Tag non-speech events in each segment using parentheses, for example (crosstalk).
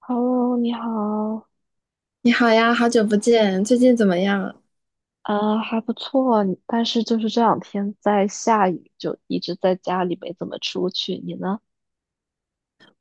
Hello，你好，你好呀，好久不见，最近怎么样？还不错，但是就是这两天在下雨，就一直在家里没怎么出去。你呢？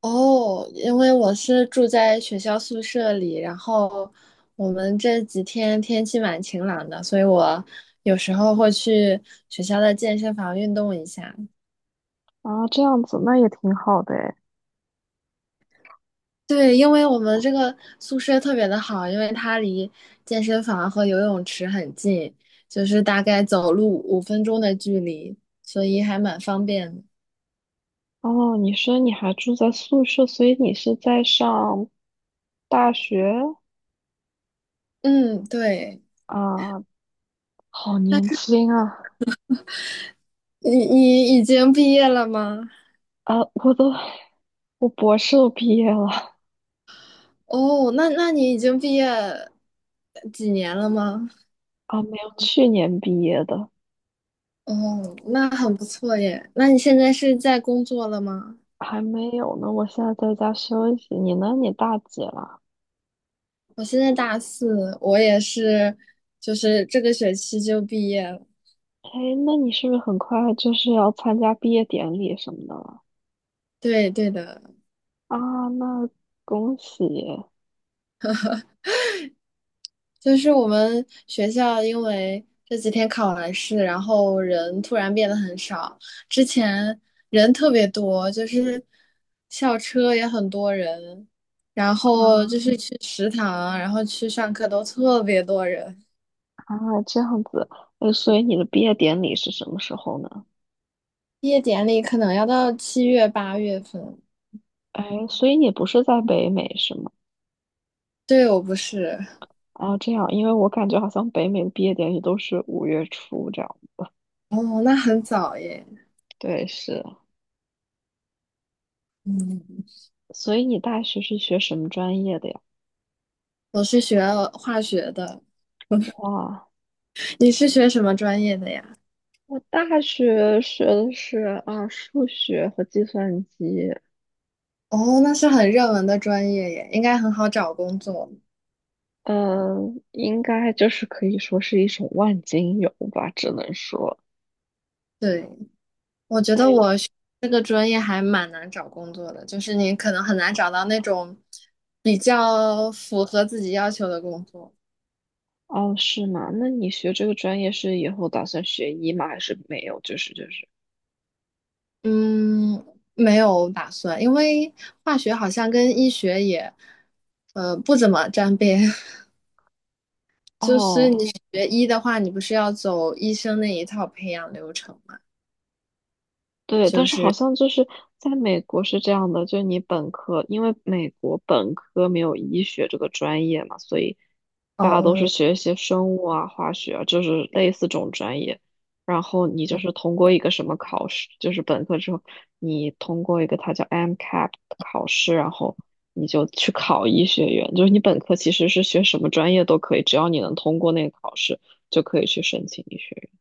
哦，因为我是住在学校宿舍里，然后我们这几天天气蛮晴朗的，所以我有时候会去学校的健身房运动一下。啊，这样子那也挺好的诶。对，因为我们这个宿舍特别的好，因为它离健身房和游泳池很近，就是大概走路5分钟的距离，所以还蛮方便的。哦，你说你还住在宿舍，所以你是在上大学嗯，对。啊？好年轻啊！你已经毕业了吗？啊，我博士都毕业了。哦，那你已经毕业几年了吗？啊，没有，去年毕业的，哦，那很不错耶。那你现在是在工作了吗？还没有呢。我现在在家休息。你呢？你大几了？我现在大四，我也是，就是这个学期就毕业了。哎，那你是不是很快就是要参加毕业典礼什么的了？对对的。啊，那恭喜就是我们学校因为这几天考完试，然后人突然变得很少，之前人特别多，就是校车也很多人，然后啊。就是去食堂，然后去上课都特别多人。啊，这样子，所以你的毕业典礼是什么时候呢？毕业典礼可能要到7月8月份。哎，所以你不是在北美是吗？对，我不是。啊，这样，因为我感觉好像北美的毕业典礼都是5月初这样。哦，那很早耶。对，是，嗯，所以你大学是学什么专业的呀？我是学化学的。哇，你是学什么专业的呀？我大学学的是啊，数学和计算机。哦，那是很热门的专业耶，应该很好找工作。嗯，应该就是可以说是一种万金油吧，只能说。(laughs) 对，我觉得哎。我学这个专业还蛮难找工作的，就是你可能很难找到那种比较符合自己要求的工作。哦，是吗？那你学这个专业是以后打算学医吗？还是没有？就是。嗯，没有打算，因为化学好像跟医学也，不怎么沾边。(laughs) 就是你哦，学医的话，你不是要走医生那一套培养流程吗？对，但是好像就是在美国是这样的，就是你本科，因为美国本科没有医学这个专业嘛，所以哦大家都是哦。学一些生物啊、化学啊，就是类似这种专业。然后你就是通过一个什么考试，就是本科之后你通过一个它叫 MCAP 的考试，然后你就去考医学院。就是你本科其实是学什么专业都可以，只要你能通过那个考试，就可以去申请医学院。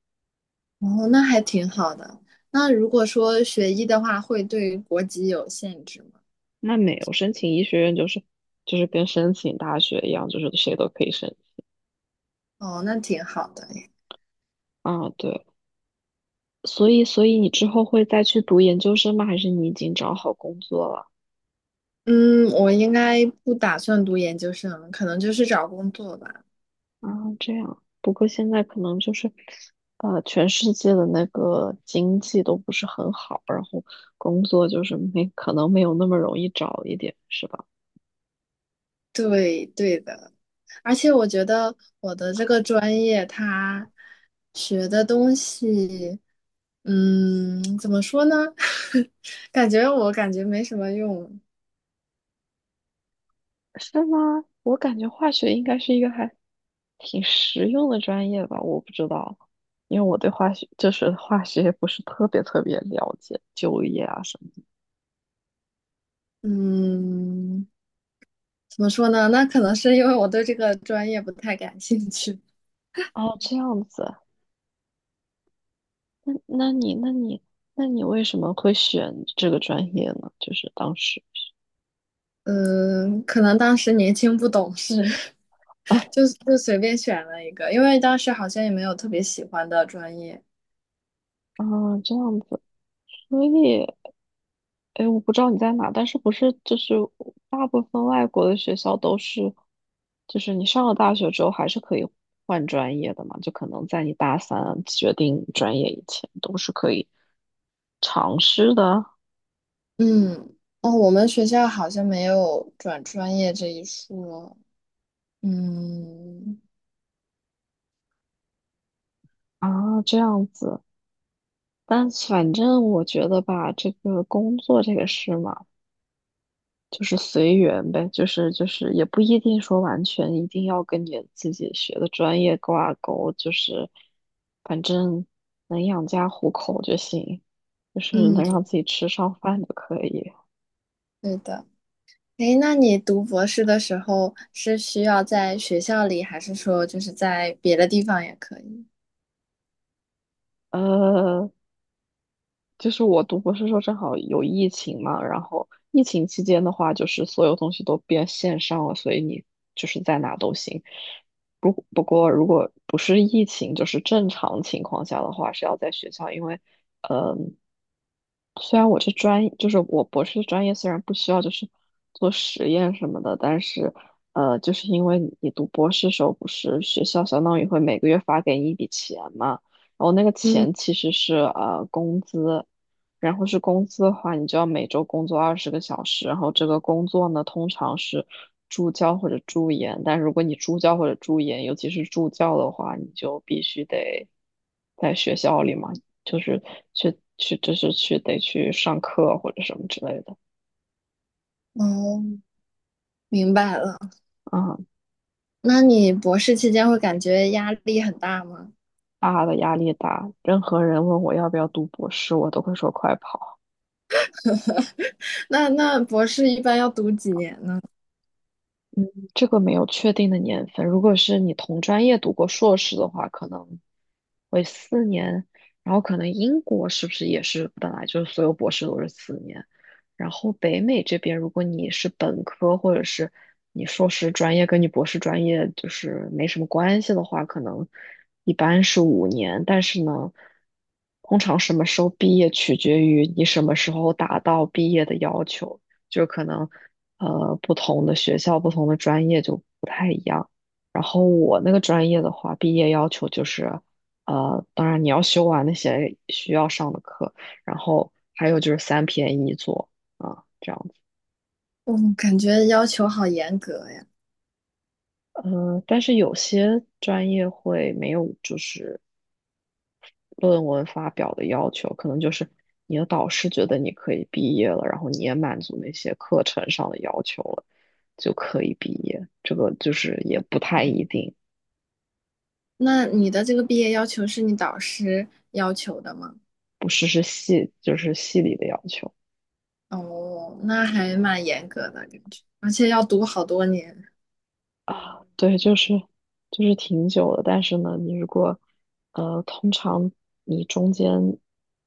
哦，那还挺好的。那如果说学医的话，会对国籍有限制吗？那没有申请医学院，就是跟申请大学一样，就是谁都可以申。哦，那挺好的诶。啊，对，所以你之后会再去读研究生吗？还是你已经找好工作了？嗯，我应该不打算读研究生，可能就是找工作吧。啊，这样，不过现在可能就是全世界的那个经济都不是很好，然后工作就是没可能没有那么容易找一点，是吧？对，对的。而且我觉得我的这个专业，它学的东西，嗯，怎么说呢？(laughs) 感觉我感觉没什么用。是吗？我感觉化学应该是一个还挺实用的专业吧，我不知道，因为我对化学不是特别特别了解，就业啊什么的。嗯，怎么说呢？那可能是因为我对这个专业不太感兴趣。哦，这样子，那那你那你那你为什么会选这个专业呢？就是当时嗯，可能当时年轻不懂事，啊。 (laughs) 就随便选了一个，因为当时好像也没有特别喜欢的专业。(laughs)，这样子。所以，哎，我不知道你在哪，但是不是就是大部分外国的学校都是，就是你上了大学之后还是可以换专业的嘛？就可能在你大三决定专业以前都是可以尝试的。嗯。哦，我们学校好像没有转专业这一说。嗯。啊，这样子。但反正我觉得吧，这个工作这个事嘛。就是随缘呗，就是也不一定说完全一定要跟你自己学的专业挂钩，就是反正能养家糊口就行，就是能让嗯，自己吃上饭就可以。对的。诶，那你读博士的时候是需要在学校里，还是说就是在别的地方也可以？呃，就是我读博士的时候正好有疫情嘛，然后疫情期间的话，就是所有东西都变线上了，所以你就是在哪都行。不过，如果不是疫情，就是正常情况下的话，是要在学校，因为，嗯、虽然我这专业就是我博士的专业虽然不需要就是做实验什么的，但是就是因为你读博士时候不是学校相当于会每个月发给你一笔钱嘛，然后那个嗯。钱其实是工资，然后是工资的话，你就要每周工作20个小时，然后这个工作呢通常是助教或者助研，但如果你助教或者助研，尤其是助教的话，你就必须得在学校里嘛。就是去就是去得去上课或者什么之类的。哦，明白了。嗯。那你博士期间会感觉压力很大吗？啊，大的压力大，任何人问我要不要读博士，我都会说快跑。(laughs) 那博士一般要读几年呢？这个没有确定的年份。如果是你同专业读过硕士的话，可能会四年。然后可能英国是不是也是本来就是所有博士都是四年？然后北美这边，如果你是本科或者是你硕士专业跟你博士专业就是没什么关系的话，可能一般是5年。但是呢，通常什么时候毕业取决于你什么时候达到毕业的要求。就可能不同的学校、不同的专业就不太一样。然后我那个专业的话，毕业要求就是当然你要修完那些需要上的课，然后还有就是3篇一作。啊，这样子。我感觉要求好严格呀。但是有些专业会没有就是论文发表的要求，可能就是你的导师觉得你可以毕业了，然后你也满足那些课程上的要求了，就可以毕业。这个就是也不太一定。那你的这个毕业要求是你导师要求的吗？不是。是系，就是系里的要求。哦，那还蛮严格的感觉，而且要读好多年。啊，对，就是挺久的，但是呢，你如果通常你中间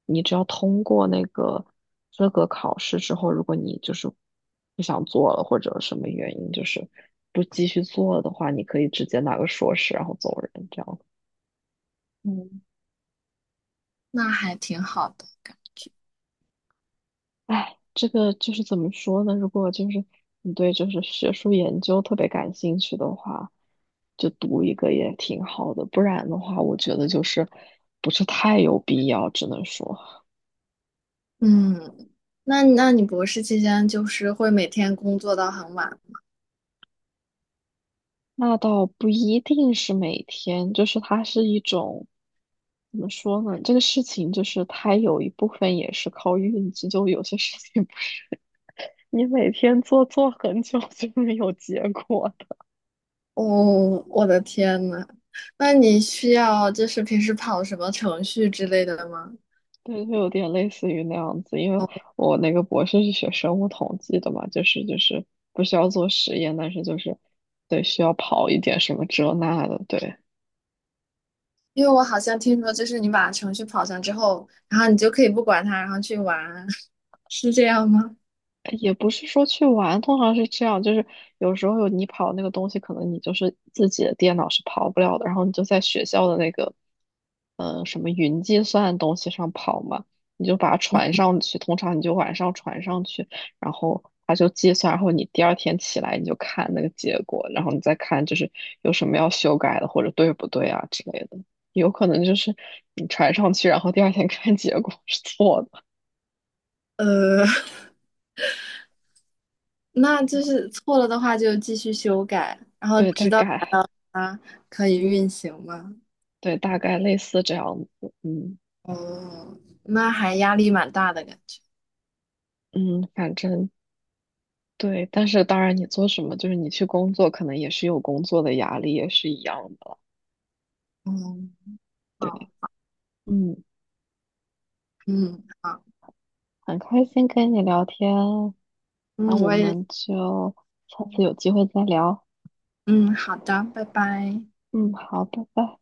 你只要通过那个资格考试之后，如果你就是不想做了或者什么原因，就是不继续做的话，你可以直接拿个硕士然后走人，这样。嗯，那还挺好的。哎，这个就是怎么说呢？如果就是你对就是学术研究特别感兴趣的话，就读一个也挺好的。不然的话，我觉得就是不是太有必要，只能说嗯，那你博士期间就是会每天工作到很晚？那倒不一定是每天，就是它是一种，怎么说呢？这个事情就是它有一部分也是靠运气，就有些事情 (laughs) 你每天做做很久就没有结果。哦，我的天呐，那你需要就是平时跑什么程序之类的吗？对，就有点类似于那样子，因为我那个博士是学生物统计的嘛，就是不需要做实验，但是就是对需要跑一点什么这那的，对，因为我好像听说，就是你把程序跑上之后，然后你就可以不管它，然后去玩，(laughs) 是这样吗？也不是说去玩，通常是这样，就是有时候你跑那个东西，可能你就是自己的电脑是跑不了的，然后你就在学校的那个，什么云计算的东西上跑嘛，你就把它传上去，通常你就晚上传上去，然后它就计算，然后你第二天起来你就看那个结果，然后你再看就是有什么要修改的或者对不对啊之类的，有可能就是你传上去，然后第二天看结果是错的，呃，(laughs) 那就是错了的话就继续修改，然后对，直再到改。它可以运行吗？对，大概类似这样子，嗯。哦，那还压力蛮大的感觉。嗯，反正对，但是当然，你做什么，就是你去工作，可能也是有工作的压力，也是一样的了。嗯，对，好。嗯，嗯，好。很开心跟你聊天，那嗯，我我也。们就下次有机会再聊。嗯，好的，拜拜。嗯，好，拜拜。